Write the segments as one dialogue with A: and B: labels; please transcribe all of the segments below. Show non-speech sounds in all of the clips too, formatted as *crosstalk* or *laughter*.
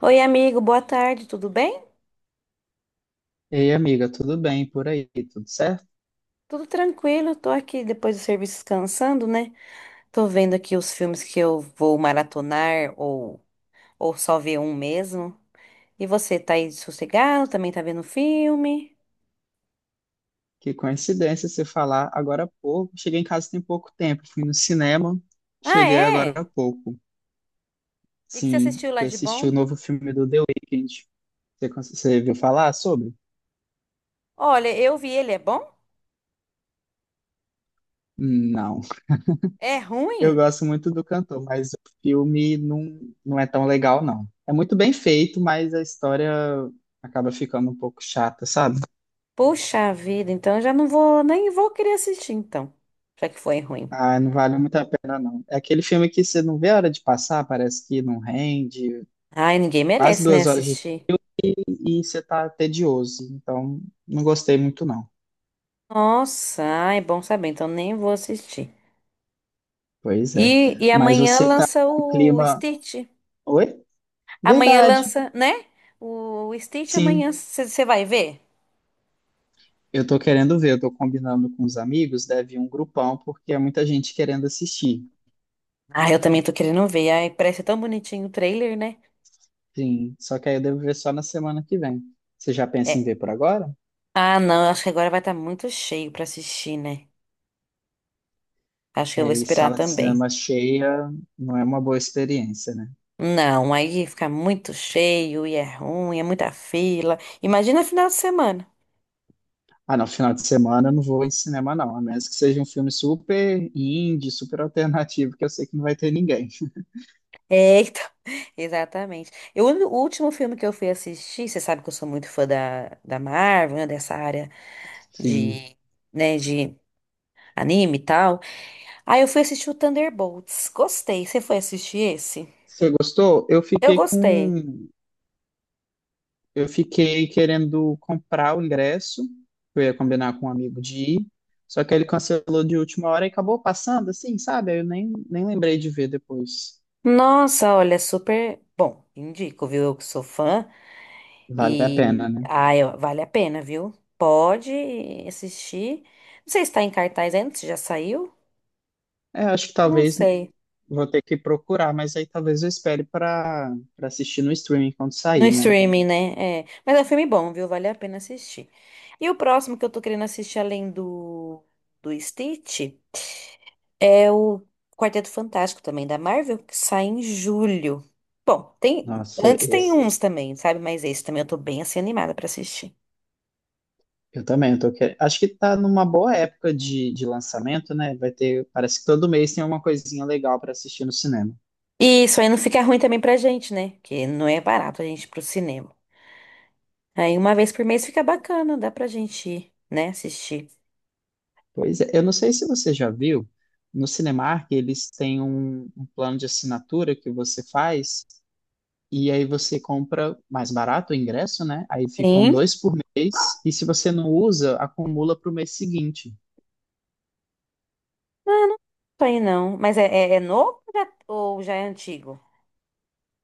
A: Oi, amigo, boa tarde, tudo bem?
B: Ei, amiga, tudo bem por aí? Tudo certo?
A: Tudo tranquilo, tô aqui depois do serviço descansando, né? Tô vendo aqui os filmes que eu vou maratonar ou só ver um mesmo. E você, tá aí sossegado? Também tá vendo filme?
B: Que coincidência você falar agora há pouco. Cheguei em casa tem pouco tempo, fui no cinema,
A: Ah,
B: cheguei agora
A: é?
B: há pouco.
A: E que você
B: Sim,
A: assistiu lá
B: fui
A: de
B: assistir o
A: bom?
B: novo filme do The Weeknd. Você viu falar sobre?
A: Olha, eu vi ele, é bom?
B: Não.
A: É
B: Eu
A: ruim?
B: gosto muito do cantor, mas o filme não, não é tão legal, não. É muito bem feito, mas a história acaba ficando um pouco chata, sabe?
A: Puxa vida, então eu já não vou, nem vou querer assistir então, já que foi ruim.
B: Ah, não vale muito a pena, não. É aquele filme que você não vê a hora de passar, parece que não rende,
A: Ai, ninguém
B: quase
A: merece, né,
B: 2 horas de
A: assistir.
B: filme e você tá tedioso. Então, não gostei muito, não.
A: Nossa, ai, é bom saber, então nem vou assistir.
B: Pois é.
A: E
B: Mas
A: amanhã
B: você tá
A: lança
B: no
A: o
B: clima.
A: Stitch.
B: Oi?
A: Amanhã
B: Verdade.
A: lança, né? O Stitch
B: Sim,
A: amanhã você vai ver?
B: eu tô querendo ver, eu tô combinando com os amigos, deve ir um grupão, porque é muita gente querendo assistir.
A: Ah, eu também tô querendo ver. Ai, parece tão bonitinho o trailer, né?
B: Sim, só que aí eu devo ver só na semana que vem. Você já pensa
A: É.
B: em ver por agora?
A: Ah, não, acho que agora vai estar muito cheio pra assistir, né? Acho que eu vou
B: É, e
A: esperar
B: sala de
A: também.
B: cinema cheia não é uma boa experiência, né?
A: Não, aí fica muito cheio e é ruim, é muita fila. Imagina final de semana.
B: Ah, não, final de semana eu não vou em cinema, não. A menos que seja um filme super indie, super alternativo, que eu sei que não vai ter ninguém.
A: É, então, *laughs* exatamente. Eu, o último filme que eu fui assistir, você sabe que eu sou muito fã da Marvel, né, dessa área
B: Sim.
A: de, né, de anime e tal. Aí eu fui assistir o Thunderbolts. Gostei. Você foi assistir esse?
B: Você gostou? Eu
A: Eu
B: fiquei
A: gostei.
B: com. Eu fiquei querendo comprar o ingresso, que eu ia combinar com um amigo de ir, só que ele cancelou de última hora e acabou passando, assim, sabe? Aí eu nem lembrei de ver depois.
A: Nossa, olha, super bom. Indico, viu? Eu que sou fã
B: Vale a
A: e
B: pena, né?
A: ah ó, vale a pena, viu? Pode assistir. Não sei se tá em cartaz ainda, se já saiu.
B: É, acho que
A: Não
B: talvez
A: sei.
B: vou ter que procurar, mas aí talvez eu espere para assistir no streaming quando
A: No
B: sair, né?
A: streaming, né? É. Mas é um filme bom, viu? Vale a pena assistir. E o próximo que eu tô querendo assistir além do, Stitch é o Quarteto Fantástico também da Marvel, que sai em julho. Bom,
B: Nossa,
A: antes tem
B: esse.
A: uns também, sabe? Mas esse também eu tô bem assim animada pra assistir.
B: Eu também, eu tô querendo. Acho que tá numa boa época de lançamento, né? Vai ter, parece que todo mês tem uma coisinha legal para assistir no cinema.
A: E isso aí não fica ruim também pra gente, né? Que não é barato a gente ir pro cinema. Aí uma vez por mês fica bacana, dá pra gente ir, né? Assistir.
B: Pois é, eu não sei se você já viu, no Cinemark eles têm um plano de assinatura que você faz e aí você compra mais barato o ingresso, né? Aí ficam
A: Sim.
B: dois por mês e se você não usa, acumula para o mês seguinte.
A: Ah, não sei não. Mas é novo ou ou já é antigo?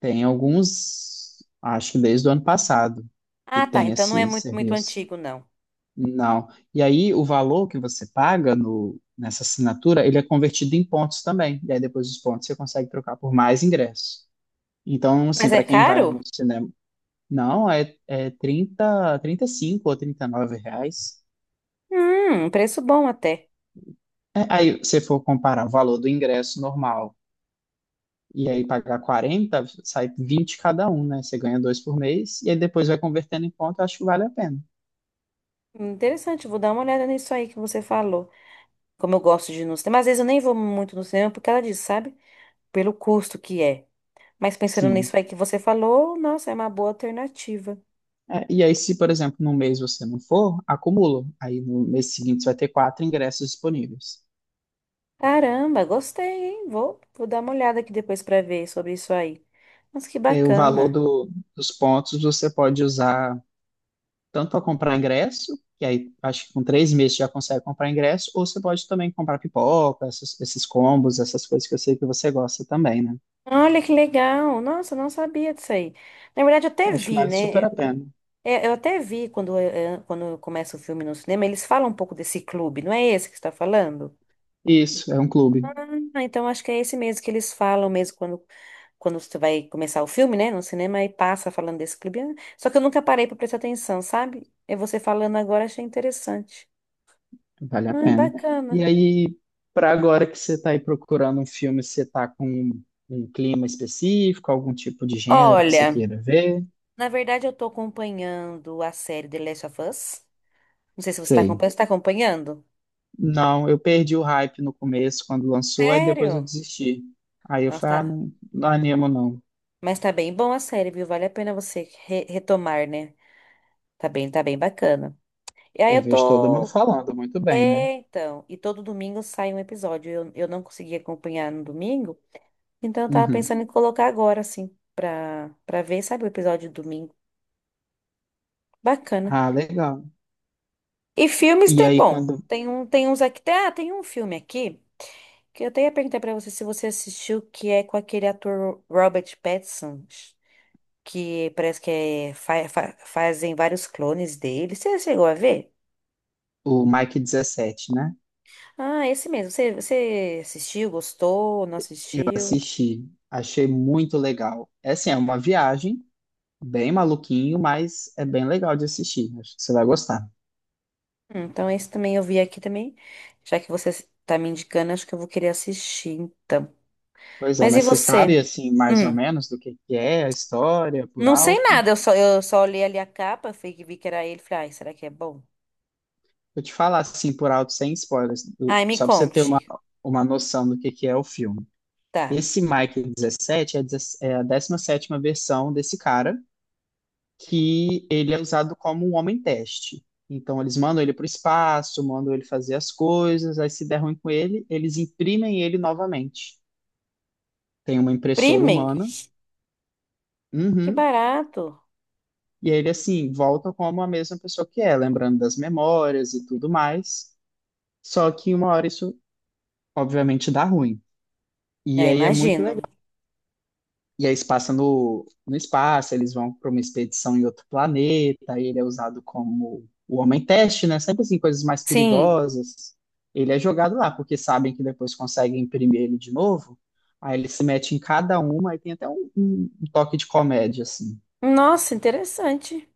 B: Tem alguns, acho que desde o ano passado, que
A: Ah, tá.
B: tem
A: Então não é
B: esse
A: muito, muito
B: serviço.
A: antigo, não.
B: Não. E aí, o valor que você paga no, nessa assinatura, ele é convertido em pontos também. E aí, depois dos pontos, você consegue trocar por mais ingressos. Então, assim,
A: Mas é
B: para quem vai
A: caro?
B: no cinema, não, é 30, 35 ou 39 reais.
A: Preço bom até.
B: É, aí, se for comparar o valor do ingresso normal e aí pagar 40 sai 20 cada um, né? Você ganha dois por mês e aí depois vai convertendo em ponto, eu acho que vale a pena.
A: Interessante, vou dar uma olhada nisso aí que você falou. Como eu gosto de ir no cinema, às vezes eu nem vou muito no cinema por causa disso, sabe? Pelo custo que é. Mas pensando
B: Sim.
A: nisso aí que você falou, nossa, é uma boa alternativa.
B: É, e aí, se, por exemplo, num mês você não for, acumula. Aí no mês seguinte você vai ter quatro ingressos disponíveis.
A: Caramba, gostei, hein? Vou dar uma olhada aqui depois pra ver sobre isso aí. Mas que
B: E aí o valor
A: bacana.
B: dos pontos você pode usar tanto para comprar ingresso, que aí acho que com 3 meses você já consegue comprar ingresso, ou você pode também comprar pipoca, esses combos, essas coisas que eu sei que você gosta também, né?
A: Olha que legal. Nossa, eu não sabia disso aí. Na verdade, eu até
B: Acho que
A: vi,
B: vale
A: né?
B: super a pena.
A: É, eu até vi quando começa o filme no cinema, eles falam um pouco desse clube, não é esse que você está falando?
B: Isso, é um clube.
A: Ah, então acho que é esse mesmo que eles falam mesmo quando você vai começar o filme, né, no cinema, e passa falando desse clube. Ah, só que eu nunca parei pra prestar atenção, sabe? É você falando agora, achei interessante.
B: Vale a
A: Ah,
B: pena.
A: bacana.
B: E aí, para agora que você está aí procurando um filme, você está com um clima específico, algum tipo de gênero que você
A: Olha,
B: queira ver?
A: na verdade eu tô acompanhando a série The Last of Us. Não sei se você tá
B: Sei.
A: acompanhando. Você tá acompanhando?
B: Não, eu perdi o hype no começo, quando lançou, aí depois eu
A: Sério?
B: desisti. Aí eu
A: Nossa,
B: falei, ah,
A: tá...
B: não, não animo não.
A: Mas tá bem bom a série, viu? Vale a pena você retomar, né? Tá bem bacana. E aí
B: Eu
A: eu
B: vejo todo mundo
A: tô...
B: falando muito bem, né?
A: É, então, e todo domingo sai um episódio. Eu não consegui acompanhar no domingo, então eu tava
B: Uhum.
A: pensando em colocar agora, assim, pra, ver, sabe, o episódio de domingo. Bacana.
B: Ah, legal.
A: E filmes
B: E
A: tem,
B: aí,
A: bom,
B: quando
A: tem uns aqui, ah, tem um filme aqui que eu até ia perguntar pra você se você assistiu, que é com aquele ator Robert Pattinson, que parece que é, fazem vários clones dele. Você chegou a ver?
B: o Mike 17 né?
A: Ah, esse mesmo. Você assistiu, gostou, não
B: Eu
A: assistiu?
B: assisti, achei muito legal. É assim, é uma viagem, bem maluquinho, mas é bem legal de assistir. Acho que você vai gostar.
A: Então esse também eu vi aqui também. Já que você tá me indicando, acho que eu vou querer assistir, então.
B: Pois é,
A: Mas e
B: mas você
A: você?
B: sabe, assim, mais ou
A: Hum.
B: menos do que é a história por
A: Não sei
B: alto?
A: nada, eu só olhei ali a capa, fui que vi que era ele, falei, ai, será que é bom?
B: Vou te falar, assim, por alto, sem spoilers,
A: Ai, me
B: só para você ter uma,
A: conte.
B: uma noção do que é o filme.
A: Tá.
B: Esse Mike 17 é a 17ª versão desse cara, que ele é usado como um homem-teste. Então, eles mandam ele para o espaço, mandam ele fazer as coisas, aí se der ruim com ele, eles imprimem ele novamente. Tem uma impressora
A: Premium?
B: humana.
A: Que
B: Uhum.
A: barato.
B: E ele, assim, volta como a mesma pessoa que é, lembrando das memórias e tudo mais. Só que uma hora isso, obviamente, dá ruim. E
A: É,
B: aí é muito
A: imagino.
B: legal. E aí se passa no espaço, eles vão para uma expedição em outro planeta, aí ele é usado como o homem-teste, né? Sempre assim, coisas mais
A: Sim.
B: perigosas. Ele é jogado lá, porque sabem que depois conseguem imprimir ele de novo. Aí ele se mete em cada uma, aí tem até um, um toque de comédia, assim.
A: Nossa, interessante.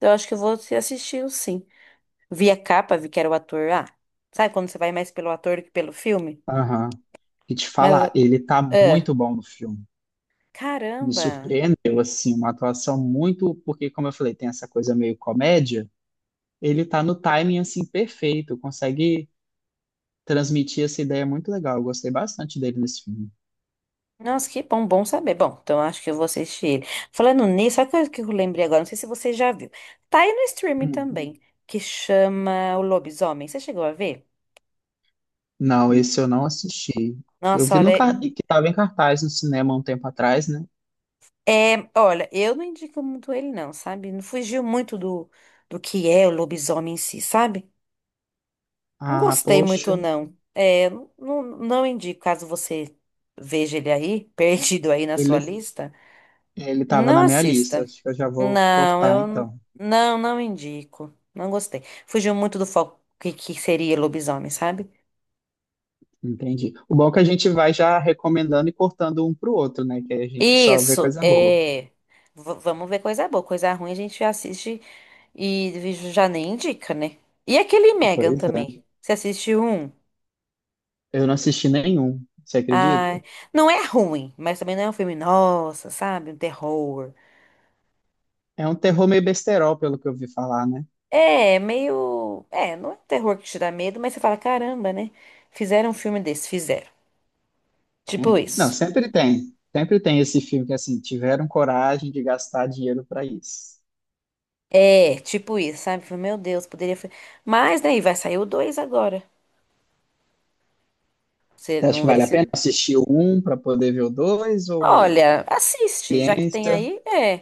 A: Eu acho que eu vou assistir o sim. Vi a capa, vi que era o ator. Ah, sabe quando você vai mais pelo ator do que pelo filme?
B: Aham. E te
A: Mas,
B: falar, ele tá
A: é.
B: muito bom no filme. Me
A: Caramba.
B: surpreendeu, assim, uma atuação muito, porque, como eu falei, tem essa coisa meio comédia, ele tá no timing, assim, perfeito, consegue transmitir essa ideia muito legal, eu gostei bastante dele nesse filme.
A: Nossa, que bom, bom saber. Bom, então acho que eu vou assistir ele. Falando nisso, sabe o que eu lembrei agora? Não sei se você já viu. Tá aí no streaming
B: Hum.
A: também, que chama O Lobisomem. Você chegou a ver?
B: Não, esse eu não assisti. Eu
A: Nossa,
B: vi no
A: olha,
B: car-
A: uhum.
B: que tava em cartaz no cinema um tempo atrás, né?
A: É, olha, eu não indico muito ele não, sabe? Não fugiu muito do que é o lobisomem em si, sabe? Não
B: Ah,
A: gostei
B: poxa,
A: muito não. É, não, não indico, caso você veja ele aí, *laughs* perdido aí na sua
B: ele,
A: lista,
B: ele tava
A: não
B: na minha lista,
A: assista.
B: acho que eu já vou
A: Não,
B: cortar,
A: eu
B: então.
A: não, não indico. Não gostei. Fugiu muito do foco que seria lobisomem, sabe?
B: Entendi. O bom é que a gente vai já recomendando e cortando um pro outro, né? Que aí a gente só vê
A: Isso,
B: coisa boa.
A: é. Vamos ver coisa boa. Coisa ruim a gente assiste e já nem indica, né? E aquele Megan
B: Pois
A: também. Você assistiu um?
B: Eu não assisti nenhum, você
A: Ai,
B: acredita?
A: não é ruim, mas também não é um filme, nossa, sabe? Um terror.
B: É um terror meio besterol, pelo que eu ouvi falar, né?
A: É, meio. É, não é um terror que te dá medo, mas você fala, caramba, né? Fizeram um filme desse, fizeram.
B: É.
A: Tipo
B: Não,
A: isso.
B: sempre tem. Sempre tem esse filme que, assim, tiveram coragem de gastar dinheiro para isso.
A: É, tipo isso, sabe? Falei, Meu Deus, poderia. Mas, né, e vai sair o 2 agora. Você,
B: Você acha que
A: vamos ver
B: vale a pena
A: se.
B: assistir o um para poder ver o dois ou
A: Olha, assiste, já que tem
B: experiência?
A: aí, é.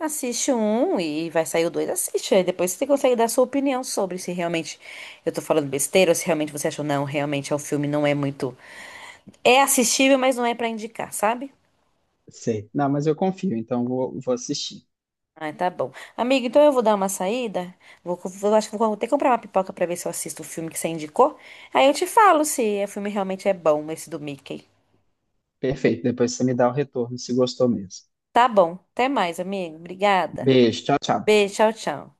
A: Assiste um e vai sair o dois, assiste. Aí depois você consegue dar sua opinião sobre se realmente eu tô falando besteira ou se realmente você achou, não, realmente é o filme não é muito. É assistível, mas não é pra indicar, sabe?
B: Sei. Não, mas eu confio, então vou assistir.
A: Ah, tá bom. Amigo, então eu vou dar uma saída. Acho que vou até comprar uma pipoca pra ver se eu assisto o filme que você indicou. Aí eu te falo se o filme realmente é bom, esse do Mickey.
B: Perfeito, depois você me dá o retorno, se gostou mesmo.
A: Tá bom. Até mais, amigo. Obrigada.
B: Beijo, tchau, tchau.
A: Beijo, tchau, tchau.